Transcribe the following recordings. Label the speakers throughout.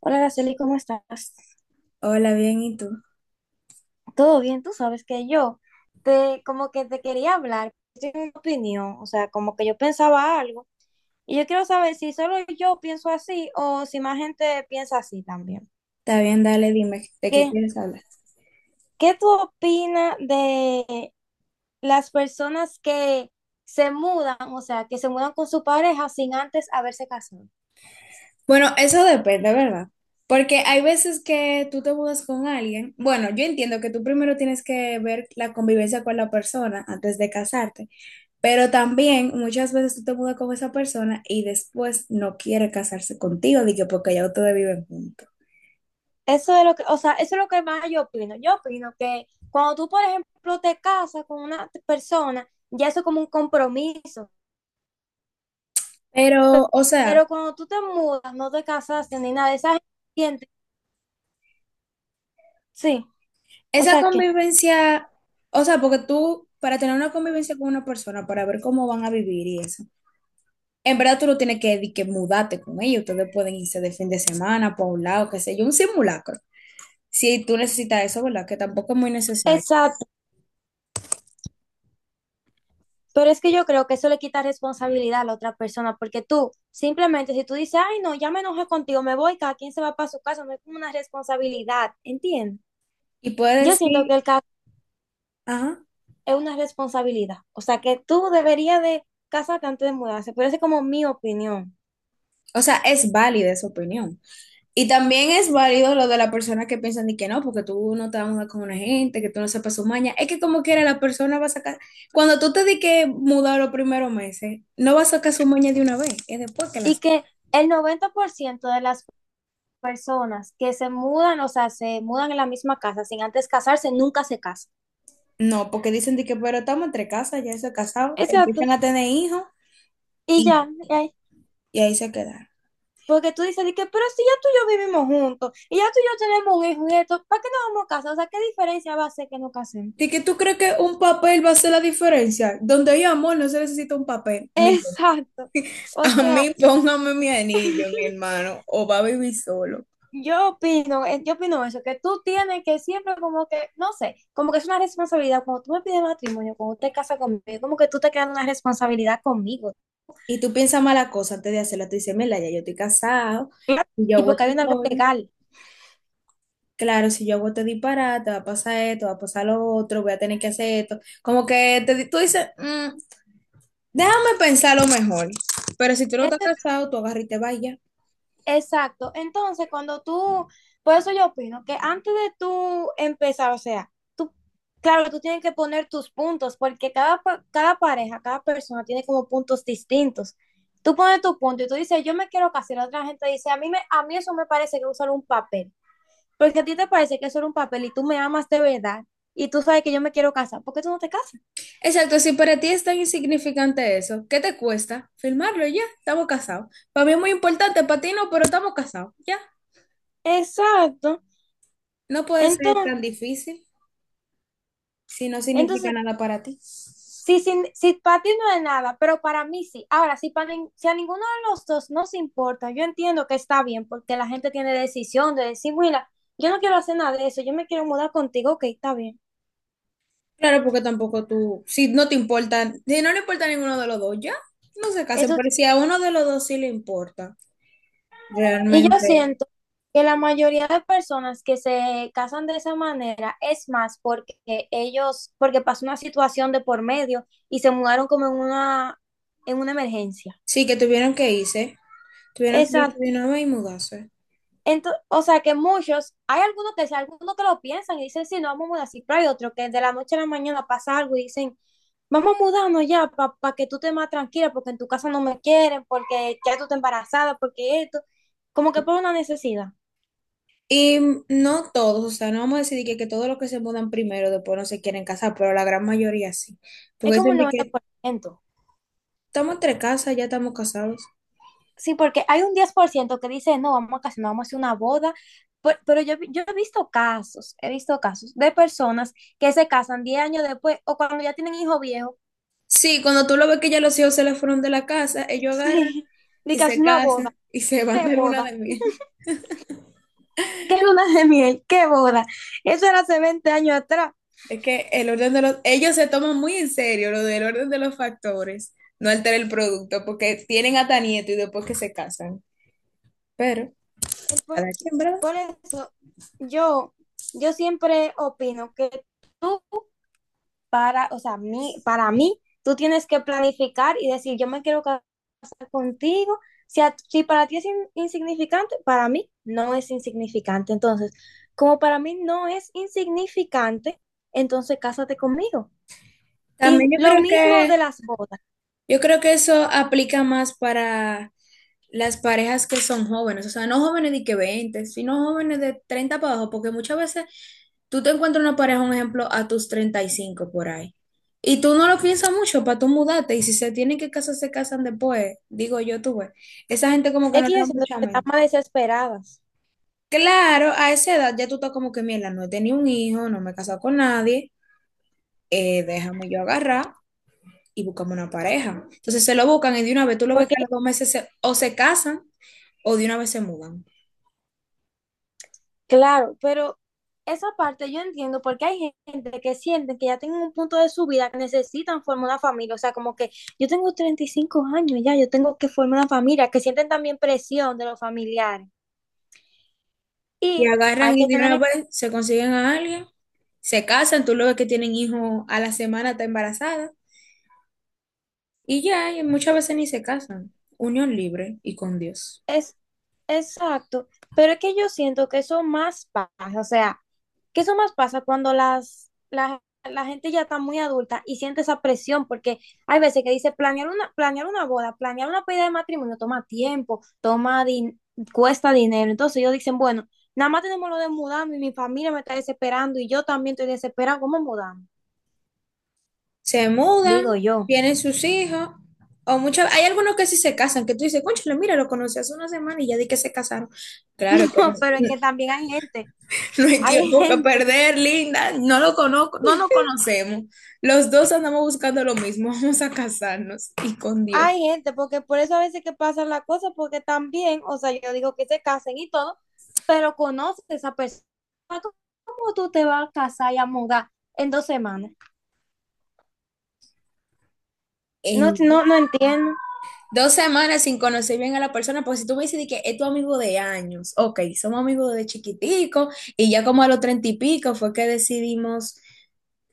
Speaker 1: Hola, Araceli, ¿cómo estás?
Speaker 2: Hola, bien, ¿y tú?
Speaker 1: ¿Todo bien? Tú sabes que yo te como que te quería hablar, tengo una opinión, o sea, como que yo pensaba algo y yo quiero saber si solo yo pienso así o si más gente piensa así también.
Speaker 2: Está bien, dale, dime, ¿de qué
Speaker 1: ¿Qué,
Speaker 2: quieres hablar?
Speaker 1: qué tú opinas de las personas que se mudan, o sea, que se mudan con su pareja sin antes haberse casado?
Speaker 2: Bueno, eso depende, ¿verdad? Porque hay veces que tú te mudas con alguien. Bueno, yo entiendo que tú primero tienes que ver la convivencia con la persona antes de casarte, pero también muchas veces tú te mudas con esa persona y después no quiere casarse contigo, de que porque ya ustedes viven juntos.
Speaker 1: Eso es lo que, o sea, eso es lo que más yo opino. Yo opino que cuando tú, por ejemplo, te casas con una persona, ya eso es como un compromiso. Pero,
Speaker 2: Pero, o sea,
Speaker 1: pero cuando tú te mudas, no te casaste ni nada, esa gente siente- Sí. o
Speaker 2: esa
Speaker 1: sea que,
Speaker 2: convivencia, o sea, porque tú, para tener una convivencia con una persona, para ver cómo van a vivir y eso. En verdad tú no tienes que, di que mudarte con ellos, ustedes pueden irse de fin de semana para un lado, qué sé yo, un simulacro. Si tú necesitas eso, ¿verdad? Que tampoco es muy necesario.
Speaker 1: exacto. Pero es que yo creo que eso le quita responsabilidad a la otra persona, porque tú simplemente si tú dices, ay, no, ya me enojé contigo, me voy, cada quien se va para su casa, no es como una responsabilidad, ¿entiendes?
Speaker 2: Y puedes
Speaker 1: Yo siento que
Speaker 2: decir,
Speaker 1: el
Speaker 2: ajá,
Speaker 1: es una responsabilidad. O sea, que tú deberías de casarte antes de mudarse, pero esa es como mi opinión.
Speaker 2: o sea, es válida esa opinión. Y también es válido lo de la persona que piensan de que no, porque tú no te vas a mudar con una gente, que tú no sepas su maña. Es que como quiera la persona va a sacar, cuando tú te di que mudar los primeros meses, no va a sacar su maña de una vez, es después que
Speaker 1: Y
Speaker 2: las...
Speaker 1: que el 90% de las personas que se mudan, o sea, se mudan en la misma casa sin antes casarse, nunca se casan.
Speaker 2: No, porque dicen de que, pero estamos entre casas, ya se casados,
Speaker 1: Exacto.
Speaker 2: empiezan a tener hijos.
Speaker 1: Y
Speaker 2: Y
Speaker 1: ya, y ahí.
Speaker 2: y ahí se quedaron.
Speaker 1: Porque tú dices, de que, pero si ya tú y yo vivimos juntos, y ya tú y yo tenemos un hijo y esto, ¿para qué nos vamos a casar? O sea, ¿qué diferencia va a ser que nos casemos?
Speaker 2: ¿De que tú crees que un papel va a hacer la diferencia? Donde hay amor, no se necesita un papel. Mire,
Speaker 1: Exacto. O
Speaker 2: a
Speaker 1: sea,
Speaker 2: mí póngame mi anillo, mi hermano, o va a vivir solo.
Speaker 1: yo opino, yo opino eso, que tú tienes que siempre como que, no sé, como que es una responsabilidad. Cuando tú me pides matrimonio, cuando te casas conmigo, es como que tú te creas una responsabilidad conmigo.
Speaker 2: Y tú piensas mala cosa antes de hacerla. Tú dices, mira, ya yo estoy casado,
Speaker 1: Claro.
Speaker 2: si yo
Speaker 1: Y
Speaker 2: hago
Speaker 1: porque hay un
Speaker 2: este
Speaker 1: algo
Speaker 2: coño,
Speaker 1: legal.
Speaker 2: claro, si yo hago este disparate, va a pasar esto, va a pasar lo otro, voy a tener que hacer esto. Como que te, di- tú dices, "Mm, déjame pensar lo mejor. Pero si tú no estás
Speaker 1: Ente-
Speaker 2: casado, tú agarras y te vayas.
Speaker 1: exacto. Entonces, cuando tú, por eso yo opino que antes de tú empezar, o sea, tú, claro, tú tienes que poner tus puntos, porque cada, cada pareja, cada persona tiene como puntos distintos. Tú pones tu punto y tú dices, yo me quiero casar, y la otra gente dice, a mí eso me parece que es solo un papel. Porque a ti te parece que eso era un papel y tú me amas de verdad y tú sabes que yo me quiero casar, ¿por qué tú no te casas?
Speaker 2: Exacto, si para ti es tan insignificante eso, ¿qué te cuesta? Firmarlo y ya, estamos casados. Para mí es muy importante, para ti no, pero estamos casados, ya.
Speaker 1: Exacto.
Speaker 2: No puede ser
Speaker 1: Entonces,
Speaker 2: tan difícil si no
Speaker 1: entonces
Speaker 2: significa nada para ti.
Speaker 1: si, sin- si para ti no es nada, pero para mí sí. Ahora, si a ninguno de los dos no se importa, yo entiendo que está bien porque la gente tiene decisión de decir, mira, yo no quiero hacer nada de eso, yo me quiero mudar contigo, ok, está bien.
Speaker 2: Claro, porque tampoco tú, si no te importa, si no le importa a ninguno de los dos, ya, no se casen,
Speaker 1: Eso,
Speaker 2: pero si a uno de los dos sí le importa,
Speaker 1: y yo
Speaker 2: realmente,
Speaker 1: siento que la mayoría de personas que se casan de esa manera es más porque ellos, porque pasó una situación de por medio y se mudaron como en una emergencia.
Speaker 2: sí que tuvieron que irse
Speaker 1: Exacto.
Speaker 2: de una vez y mudarse.
Speaker 1: O sea que muchos, hay algunos que, sí, algunos que lo piensan y dicen, sí, no vamos a mudar, sí, pero hay otros que de la noche a la mañana pasa algo y dicen, vamos a mudarnos ya para que tú te más tranquila, porque en tu casa no me quieren, porque ya tú estás embarazada, porque esto, como que por una necesidad.
Speaker 2: Y no todos, o sea, no vamos a decir que todos los que se mudan primero después no se quieren casar, pero la gran mayoría sí.
Speaker 1: Es
Speaker 2: Porque
Speaker 1: como
Speaker 2: dicen
Speaker 1: el
Speaker 2: de
Speaker 1: noventa
Speaker 2: que
Speaker 1: por ciento
Speaker 2: estamos entre casas, ya estamos casados.
Speaker 1: Sí, porque hay un 10% que dice, no, vamos a casarnos, vamos a hacer una boda. Yo he visto casos de personas que se casan 10 años después o cuando ya tienen hijos viejos.
Speaker 2: Sí, cuando tú lo ves que ya los hijos se le fueron de la casa, ellos agarran
Speaker 1: Sí, de
Speaker 2: y
Speaker 1: que hace
Speaker 2: se
Speaker 1: una
Speaker 2: casan y se van de luna
Speaker 1: boda,
Speaker 2: de miel.
Speaker 1: qué luna de miel, qué boda. Eso era hace 20 años atrás.
Speaker 2: Es que el orden de los, ellos se toman muy en serio lo del orden de los factores, no altera el producto, porque tienen hasta nieto y después que se casan. Pero,
Speaker 1: El Por,
Speaker 2: cada quien, ¿verdad?
Speaker 1: por eso yo, yo siempre opino que tú para, o sea, mí, para mí, tú tienes que planificar y decir, yo me quiero casar contigo. Si, si para ti es insignificante, para mí no es insignificante. Entonces, como para mí no es insignificante, entonces cásate conmigo. Y
Speaker 2: También
Speaker 1: lo mismo de las bodas.
Speaker 2: yo creo que eso aplica más para las parejas que son jóvenes, o sea, no jóvenes de que 20, sino jóvenes de 30 para abajo, porque muchas veces tú te encuentras una pareja, un ejemplo, a tus 35 por ahí, y tú no lo piensas mucho para tú mudarte, y si se tienen que casar, se casan después, digo yo, tú ves, esa gente como que
Speaker 1: Es
Speaker 2: no
Speaker 1: que
Speaker 2: le
Speaker 1: yo
Speaker 2: da
Speaker 1: siento
Speaker 2: mucha
Speaker 1: que
Speaker 2: mente.
Speaker 1: estamos desesperadas,
Speaker 2: Claro, a esa edad ya tú estás como que, mierda, no he tenido un hijo, no me he casado con nadie, déjame yo agarrar y buscamos una pareja. Entonces se lo buscan y de una vez tú lo ves que
Speaker 1: porque
Speaker 2: a los 2 meses o se casan o de una vez se mudan.
Speaker 1: claro, pero esa parte yo entiendo porque hay gente que sienten que ya tienen un punto de su vida que necesitan formar una familia, o sea, como que yo tengo 35 años ya, yo tengo que formar una familia, que sienten también presión de los familiares.
Speaker 2: Y
Speaker 1: Y hay
Speaker 2: agarran y
Speaker 1: que
Speaker 2: de una
Speaker 1: tener
Speaker 2: vez se consiguen a alguien, se casan, tú lo ves que tienen hijos a la semana, está embarazada, y ya, y muchas veces ni se casan. Unión libre y con Dios.
Speaker 1: es exacto, pero es que yo siento que eso más pasa, o sea, que eso más pasa cuando la gente ya está muy adulta y siente esa presión, porque hay veces que dice planear una boda, planear una pedida de matrimonio toma tiempo, cuesta dinero. Entonces ellos dicen, bueno, nada más tenemos lo de mudarme y mi familia me está desesperando y yo también estoy desesperada, ¿cómo mudarme?
Speaker 2: Se mudan,
Speaker 1: Digo yo,
Speaker 2: tienen sus hijos, o muchas, hay algunos que sí se casan, que tú dices, cónchale, mira, lo conocí hace una semana y ya di que se casaron. Claro que no,
Speaker 1: pero es que también hay gente,
Speaker 2: no hay
Speaker 1: hay
Speaker 2: tiempo que
Speaker 1: gente.
Speaker 2: perder, linda, no lo conozco, no nos conocemos. Los dos andamos buscando lo mismo, vamos a casarnos y con Dios.
Speaker 1: Hay gente, porque por eso a veces que pasa la cosa, porque también, o sea, yo digo que se casen y todo, pero conoces a esa persona, ¿cómo tú te vas a casar y a mudar en 2 semanas? No, no, no entiendo.
Speaker 2: 2 semanas sin conocer bien a la persona, porque si tú me dices de que es tu amigo de años, ok, somos amigos de chiquitico y ya como a los 30 y pico fue que decidimos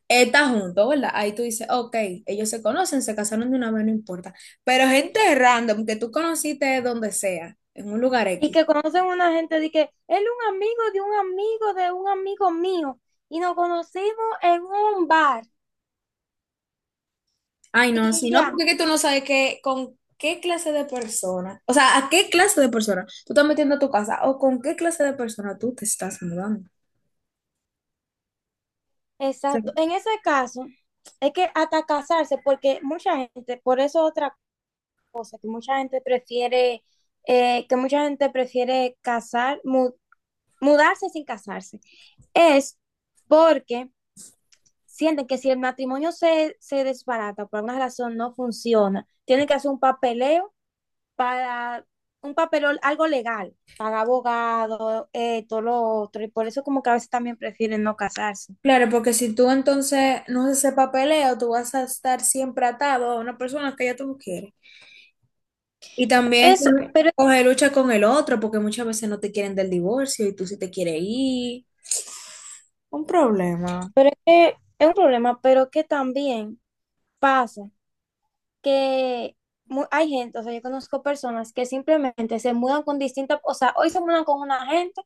Speaker 2: estar juntos, ¿verdad? Ahí tú dices, ok, ellos se conocen, se casaron de una vez, no importa. Pero gente random que tú conociste donde sea, en un lugar
Speaker 1: Y
Speaker 2: X.
Speaker 1: que conocen una gente de que él es un amigo de un amigo de un amigo mío y nos conocimos en un bar
Speaker 2: Ay, no,
Speaker 1: y
Speaker 2: si no,
Speaker 1: ya,
Speaker 2: porque es que tú no sabes qué, con qué clase de persona, o sea, a qué clase de persona tú estás metiendo a tu casa o con qué clase de persona tú te estás mudando.
Speaker 1: exacto. En ese caso, es que hasta casarse, porque mucha gente, por eso otra cosa, que mucha gente prefiere, que mucha gente prefiere mudarse sin casarse, es porque sienten que si el matrimonio se desbarata por alguna razón, no funciona, tienen que hacer un papeleo para, un papeleo, algo legal, para abogado, todo lo otro, y por eso como que a veces también prefieren no casarse.
Speaker 2: Claro, porque si tú entonces no haces ese papeleo, tú vas a estar siempre atado a una persona que ya tú no quieres. Y también
Speaker 1: Es,
Speaker 2: coge
Speaker 1: pero,
Speaker 2: coge lucha con el otro, porque muchas veces no te quieren del divorcio y tú sí te quieres ir. Un problema.
Speaker 1: pero es que es un problema, pero que también pasa que hay gente, o sea, yo conozco personas que simplemente se mudan con distintas, o sea, hoy se mudan con una gente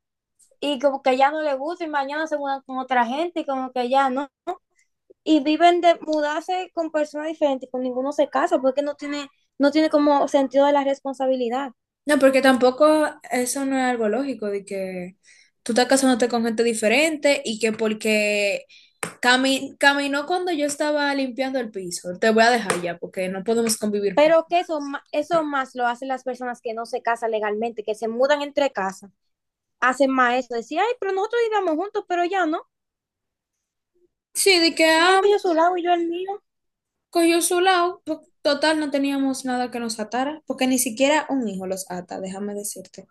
Speaker 1: y como que ya no le gusta y mañana se mudan con otra gente y como que ya no. Y viven de mudarse con personas diferentes, con ninguno se casa porque no tiene, no tiene como sentido de la responsabilidad.
Speaker 2: No, porque tampoco eso no es algo lógico, de que tú estás casándote con gente diferente y que porque caminó cuando yo estaba limpiando el piso, te voy a dejar ya, porque no podemos convivir juntos.
Speaker 1: Pero que eso, eso más lo hacen las personas que no se casan legalmente, que se mudan entre casas, hacen más eso, decir, ay, pero nosotros vivíamos juntos, pero ya no,
Speaker 2: Sí, de que,
Speaker 1: ya
Speaker 2: ah,
Speaker 1: él cogió su lado y yo el mío.
Speaker 2: cogió su lado, total, no teníamos nada que nos atara, porque ni siquiera un hijo los ata, déjame decirte,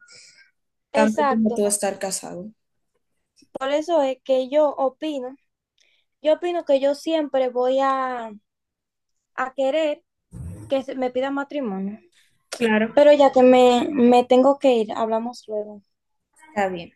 Speaker 2: tanto como
Speaker 1: Exacto.
Speaker 2: tú estar casado.
Speaker 1: Por eso es que yo opino que yo siempre voy a querer que me pidan matrimonio.
Speaker 2: Claro.
Speaker 1: Pero ya que me tengo que ir, hablamos luego.
Speaker 2: Está bien.